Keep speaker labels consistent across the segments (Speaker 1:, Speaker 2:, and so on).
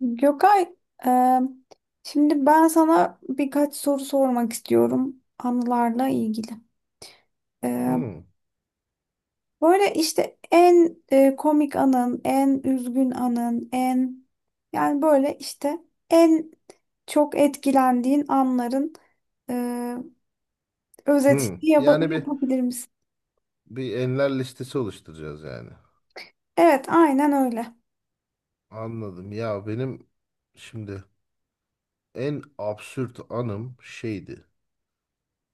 Speaker 1: Gökay, e, şimdi ben sana birkaç soru sormak istiyorum anılarla ilgili. E,
Speaker 2: Hmm,
Speaker 1: Böyle işte en komik anın, en üzgün anın, en, yani böyle işte en çok etkilendiğin anların e,
Speaker 2: hmm.
Speaker 1: özetini
Speaker 2: Yani bir
Speaker 1: yapabilir misin?
Speaker 2: bir enler listesi oluşturacağız yani.
Speaker 1: Evet, aynen öyle.
Speaker 2: Anladım. Ya benim şimdi en absürt anım şeydi.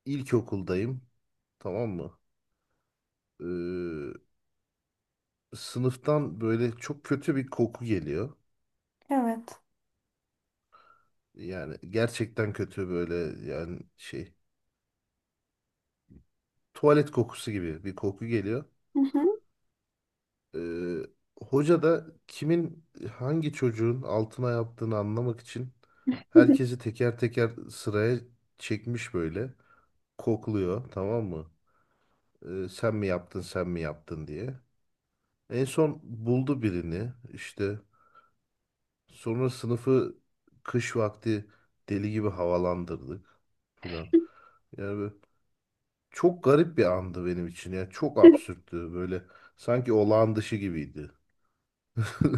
Speaker 2: İlkokuldayım. Tamam mı? Sınıftan böyle çok kötü bir koku geliyor.
Speaker 1: Evet.
Speaker 2: Yani gerçekten kötü böyle yani şey tuvalet kokusu gibi bir koku geliyor.
Speaker 1: Hı hı.
Speaker 2: Ee, Hoca da kimin hangi çocuğun altına yaptığını anlamak için herkesi teker teker sıraya çekmiş böyle. Kokluyor, tamam mı? Sen mi yaptın, sen mi yaptın diye. En son buldu birini işte. Sonra sınıfı kış vakti deli gibi havalandırdık filan. Yani böyle çok garip bir andı benim için ya. Çok absürttü böyle. Sanki olağan dışı gibiydi.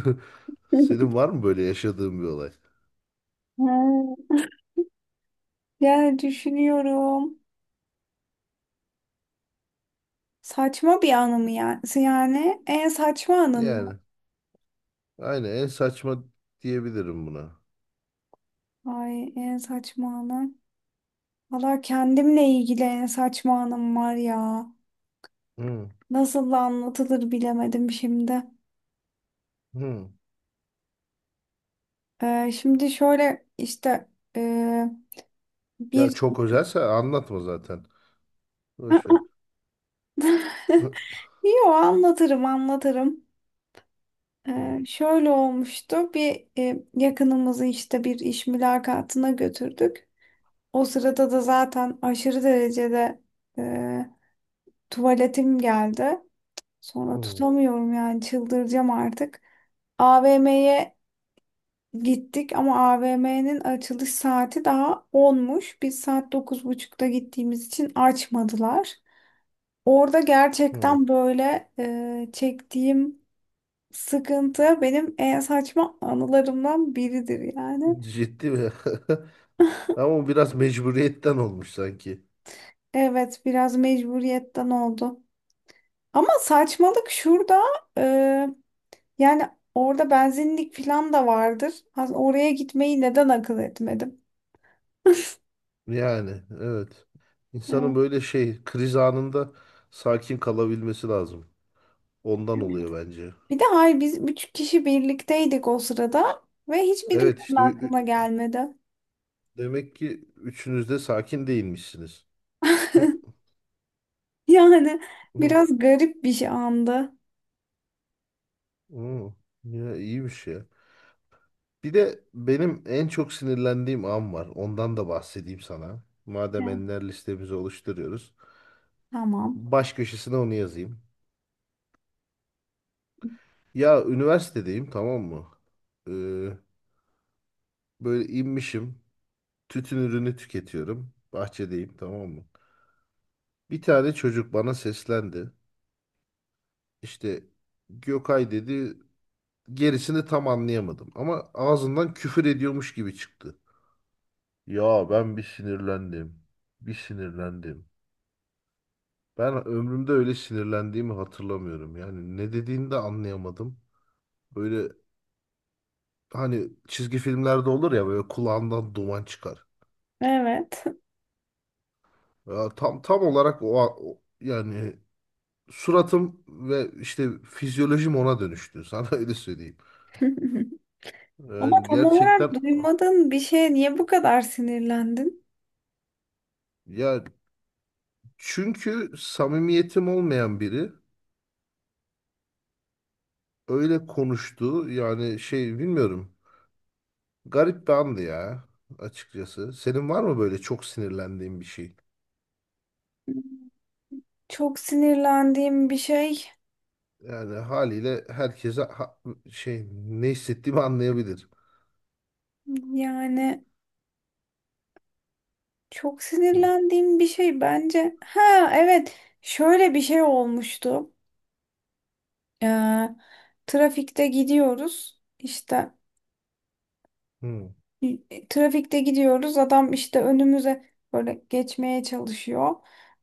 Speaker 2: Senin var mı böyle yaşadığın bir olay?
Speaker 1: Ha, yani düşünüyorum. Saçma bir anı mı yani? Yani en saçma anın mı?
Speaker 2: Yani aynen en saçma diyebilirim buna.
Speaker 1: Ay, en saçma anım. Valla kendimle ilgili en saçma anım var ya.
Speaker 2: Hı,
Speaker 1: Nasıl da anlatılır bilemedim şimdi.
Speaker 2: hı.
Speaker 1: Şimdi şöyle işte, ee,
Speaker 2: Ya
Speaker 1: bir...
Speaker 2: çok özelse anlatma zaten. Boş ver. Hı,
Speaker 1: Yo, anlatırım anlatırım.
Speaker 2: hı,
Speaker 1: Şöyle olmuştu, bir yakınımızı işte bir iş mülakatına götürdük. O sırada da zaten aşırı derecede, e, tuvaletim geldi. Sonra
Speaker 2: hı,
Speaker 1: tutamıyorum, yani çıldıracağım artık. AVM'ye gittik ama AVM'nin açılış saati daha 10'muş. Biz saat dokuz buçukta gittiğimiz için açmadılar. Orada
Speaker 2: hı.
Speaker 1: gerçekten böyle çektiğim sıkıntı benim en saçma anılarımdan biridir yani.
Speaker 2: Ciddi mi? Ama o biraz mecburiyetten olmuş sanki.
Speaker 1: Evet, biraz mecburiyetten oldu. Ama saçmalık şurada, e, yani orada benzinlik falan da vardır. Oraya gitmeyi neden akıl etmedim?
Speaker 2: Yani evet.
Speaker 1: Evet.
Speaker 2: İnsanın böyle şey kriz anında sakin kalabilmesi lazım. Ondan oluyor bence.
Speaker 1: Bir de hayır, biz üç kişi birlikteydik o sırada ve
Speaker 2: Evet
Speaker 1: hiçbirimizin
Speaker 2: işte
Speaker 1: aklına gelmedi.
Speaker 2: demek ki üçünüz de sakin değilmişsiniz. Hı,
Speaker 1: Yani
Speaker 2: hı.
Speaker 1: biraz garip bir şey andı.
Speaker 2: Oo, ya iyi bir şey. Bir de benim en çok sinirlendiğim an var. Ondan da bahsedeyim sana. Madem
Speaker 1: Evet.
Speaker 2: enler listemizi oluşturuyoruz.
Speaker 1: Tamam.
Speaker 2: Baş köşesine onu yazayım. Ya üniversitedeyim, tamam mı? Ee, Böyle inmişim. Tütün ürünü tüketiyorum. Bahçedeyim, tamam mı? Bir tane çocuk bana seslendi. İşte Gökay dedi. Gerisini tam anlayamadım. Ama ağzından küfür ediyormuş gibi çıktı. Ya ben bir sinirlendim. Bir sinirlendim. Ben ömrümde öyle sinirlendiğimi hatırlamıyorum. Yani ne dediğini de anlayamadım. Böyle hani çizgi filmlerde olur ya, böyle kulağından duman çıkar.
Speaker 1: Evet.
Speaker 2: Ya tam olarak yani suratım ve işte fizyolojim ona dönüştü. Sana öyle söyleyeyim.
Speaker 1: Ama
Speaker 2: Yani
Speaker 1: tam olarak
Speaker 2: gerçekten
Speaker 1: duymadığın bir şeye niye bu kadar sinirlendin?
Speaker 2: ya çünkü samimiyetim olmayan biri öyle konuştu. Yani şey bilmiyorum. Garip bir andı ya açıkçası. Senin var mı böyle çok sinirlendiğin bir şey?
Speaker 1: Çok sinirlendiğim bir şey.
Speaker 2: Yani haliyle herkese şey ne hissettiğimi anlayabilir.
Speaker 1: Yani çok
Speaker 2: Hı
Speaker 1: sinirlendiğim bir şey bence. Ha, evet, şöyle bir şey olmuştu. Ee, Trafikte gidiyoruz işte,
Speaker 2: hı,
Speaker 1: trafikte gidiyoruz, adam işte önümüze böyle geçmeye çalışıyor.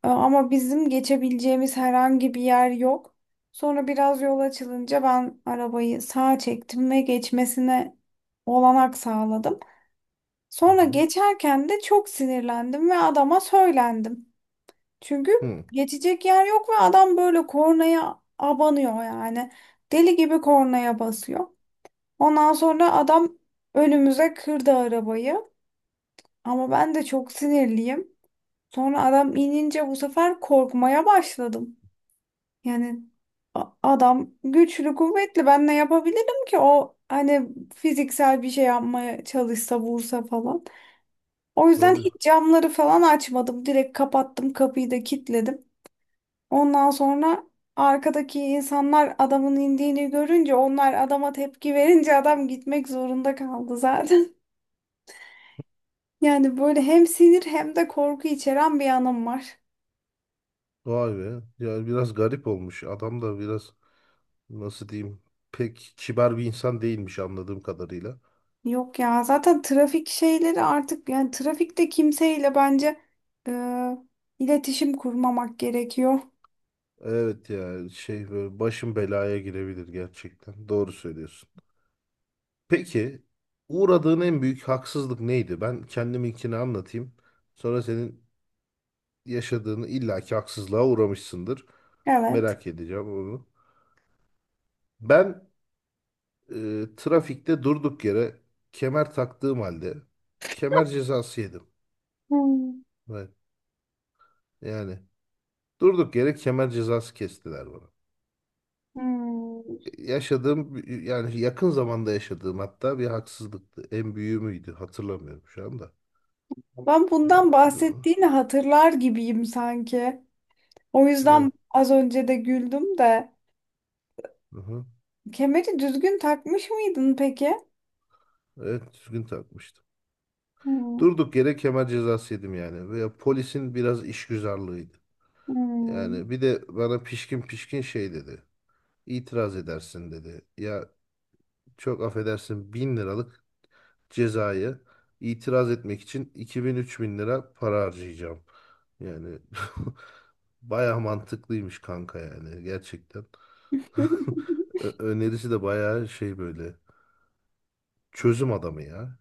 Speaker 1: Ama bizim geçebileceğimiz herhangi bir yer yok. Sonra biraz yol açılınca ben arabayı sağa çektim ve geçmesine olanak sağladım.
Speaker 2: hı.
Speaker 1: Sonra
Speaker 2: Hı.
Speaker 1: geçerken de çok sinirlendim ve adama söylendim. Çünkü
Speaker 2: Hı.
Speaker 1: geçecek yer yok ve adam böyle kornaya abanıyor yani. Deli gibi kornaya basıyor. Ondan sonra adam önümüze kırdı arabayı. Ama ben de çok sinirliyim. Sonra adam inince bu sefer korkmaya başladım. Yani adam güçlü, kuvvetli. Ben ne yapabilirim ki? O, hani fiziksel bir şey yapmaya çalışsa, vursa falan. O yüzden
Speaker 2: Tabii.
Speaker 1: hiç camları falan açmadım. Direkt kapattım, kapıyı da kilitledim. Ondan sonra arkadaki insanlar adamın indiğini görünce, onlar adama tepki verince adam gitmek zorunda kaldı zaten. Yani böyle hem sinir hem de korku içeren bir anım var.
Speaker 2: Vay be. Yani biraz garip olmuş. Adam da biraz nasıl diyeyim, pek kibar bir insan değilmiş anladığım kadarıyla.
Speaker 1: Yok ya, zaten trafik şeyleri artık, yani trafikte kimseyle bence e, iletişim kurmamak gerekiyor.
Speaker 2: Evet ya, şey böyle başın belaya girebilir gerçekten. Doğru söylüyorsun. Peki uğradığın en büyük haksızlık neydi? Ben kendiminkini anlatayım. Sonra senin yaşadığını illaki haksızlığa uğramışsındır.
Speaker 1: Evet.
Speaker 2: Merak edeceğim onu. Ben trafikte durduk yere kemer taktığım halde kemer cezası yedim.
Speaker 1: Hmm.
Speaker 2: Evet. Yani durduk yere kemer cezası kestiler bana.
Speaker 1: Hmm.
Speaker 2: E, yaşadığım yani yakın zamanda yaşadığım hatta bir haksızlıktı. En büyüğü müydü? Hatırlamıyorum şu anda.
Speaker 1: Ben bundan
Speaker 2: du-
Speaker 1: bahsettiğini hatırlar gibiyim sanki. O
Speaker 2: Evet,
Speaker 1: yüzden az önce de güldüm de.
Speaker 2: hı hı.
Speaker 1: Kemeri düzgün takmış mıydın peki?
Speaker 2: Evet, düzgün takmıştım.
Speaker 1: Hmm.
Speaker 2: Durduk yere kemer cezası yedim yani. Veya polisin biraz işgüzarlığıydı.
Speaker 1: Hmm.
Speaker 2: Yani bir de bana pişkin pişkin şey dedi. İtiraz edersin dedi. Ya çok affedersin, 1000 liralık cezayı itiraz etmek için 2000-3000 lira para harcayacağım. Yani baya mantıklıymış kanka yani gerçekten. Önerisi de baya şey, böyle çözüm adamı ya.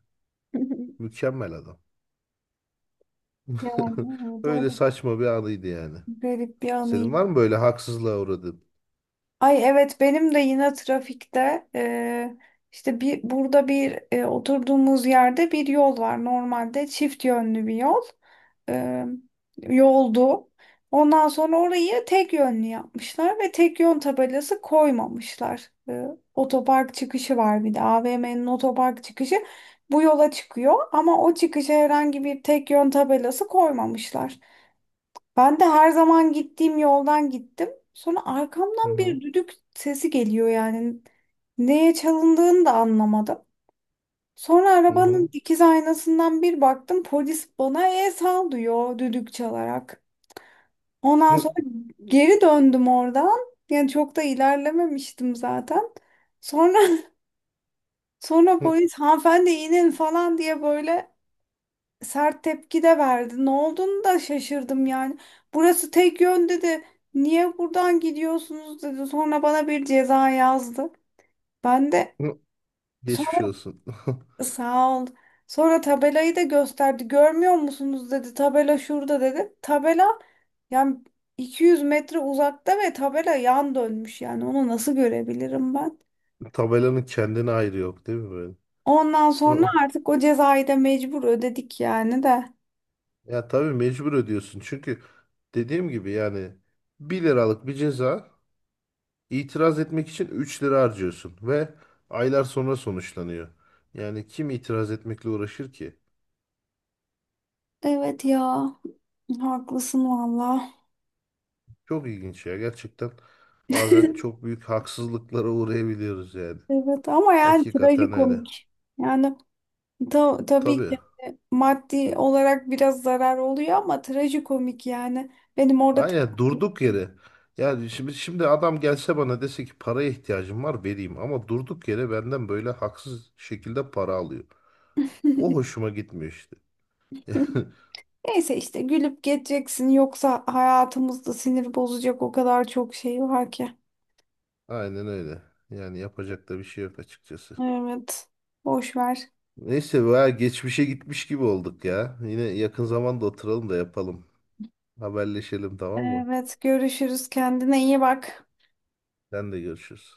Speaker 2: Mükemmel adam.
Speaker 1: Yani evet, o
Speaker 2: Öyle
Speaker 1: da
Speaker 2: saçma bir anıydı yani.
Speaker 1: garip bir
Speaker 2: Senin var
Speaker 1: anıyım.
Speaker 2: mı böyle haksızlığa uğradığın?
Speaker 1: Ay evet, benim de yine trafikte, işte bir burada bir oturduğumuz yerde bir yol var, normalde çift yönlü bir yol, e, yoldu. Ondan sonra orayı tek yönlü yapmışlar ve tek yön tabelası koymamışlar. E, otopark çıkışı var, bir de AVM'nin otopark çıkışı bu yola çıkıyor ama o çıkışa herhangi bir tek yön tabelası koymamışlar. Ben de her zaman gittiğim yoldan gittim. Sonra
Speaker 2: Hı
Speaker 1: arkamdan
Speaker 2: hı,
Speaker 1: bir düdük sesi geliyor yani. Neye çalındığını da anlamadım. Sonra
Speaker 2: hı hı,
Speaker 1: arabanın dikiz aynasından bir baktım, polis bana el sal diyor düdük çalarak. Ondan
Speaker 2: hı,
Speaker 1: sonra geri döndüm oradan. Yani çok da ilerlememiştim zaten. Sonra sonra
Speaker 2: hı,
Speaker 1: polis hanımefendi, inin falan diye böyle sert tepki de verdi. Ne olduğunu da şaşırdım yani. Burası tek yön dedi. Niye buradan gidiyorsunuz dedi. Sonra bana bir ceza yazdı. Ben de
Speaker 2: hı.
Speaker 1: sonra
Speaker 2: Geçmiş olsun.
Speaker 1: sağ ol. Sonra tabelayı da gösterdi. Görmüyor musunuz dedi. Tabela şurada dedi. Tabela, yani 200 metre uzakta ve tabela yan dönmüş yani. Onu nasıl görebilirim ben?
Speaker 2: Tabelanın kendine ayrı yok değil mi böyle?
Speaker 1: Ondan sonra artık o cezayı da mecbur ödedik yani de.
Speaker 2: Ya tabii mecbur ödüyorsun. Çünkü dediğim gibi yani bir liralık bir ceza itiraz etmek için 3 lira harcıyorsun ve aylar sonra sonuçlanıyor. Yani kim itiraz etmekle uğraşır ki?
Speaker 1: Evet ya. Haklısın valla.
Speaker 2: Çok ilginç ya gerçekten. Bazen çok büyük haksızlıklara uğrayabiliyoruz yani.
Speaker 1: Evet ama yani
Speaker 2: Hakikaten öyle.
Speaker 1: trajikomik. Yani tabii
Speaker 2: Tabii.
Speaker 1: ki maddi olarak biraz zarar oluyor ama trajikomik yani. Benim orada
Speaker 2: Aynen, durduk yere. Yani şimdi adam gelse bana dese ki paraya ihtiyacım var, vereyim, ama durduk yere benden böyle haksız şekilde para alıyor. O hoşuma gitmiyor işte.
Speaker 1: neyse işte, gülüp geçeceksin, yoksa hayatımızda sinir bozacak o kadar çok şey var ki.
Speaker 2: Aynen öyle. Yani yapacak da bir şey yok açıkçası.
Speaker 1: Evet. Boş ver.
Speaker 2: Neyse, veya geçmişe gitmiş gibi olduk ya. Yine yakın zamanda oturalım da yapalım. Haberleşelim tamam mı?
Speaker 1: Evet, görüşürüz. Kendine iyi bak.
Speaker 2: Sen de görüşürüz.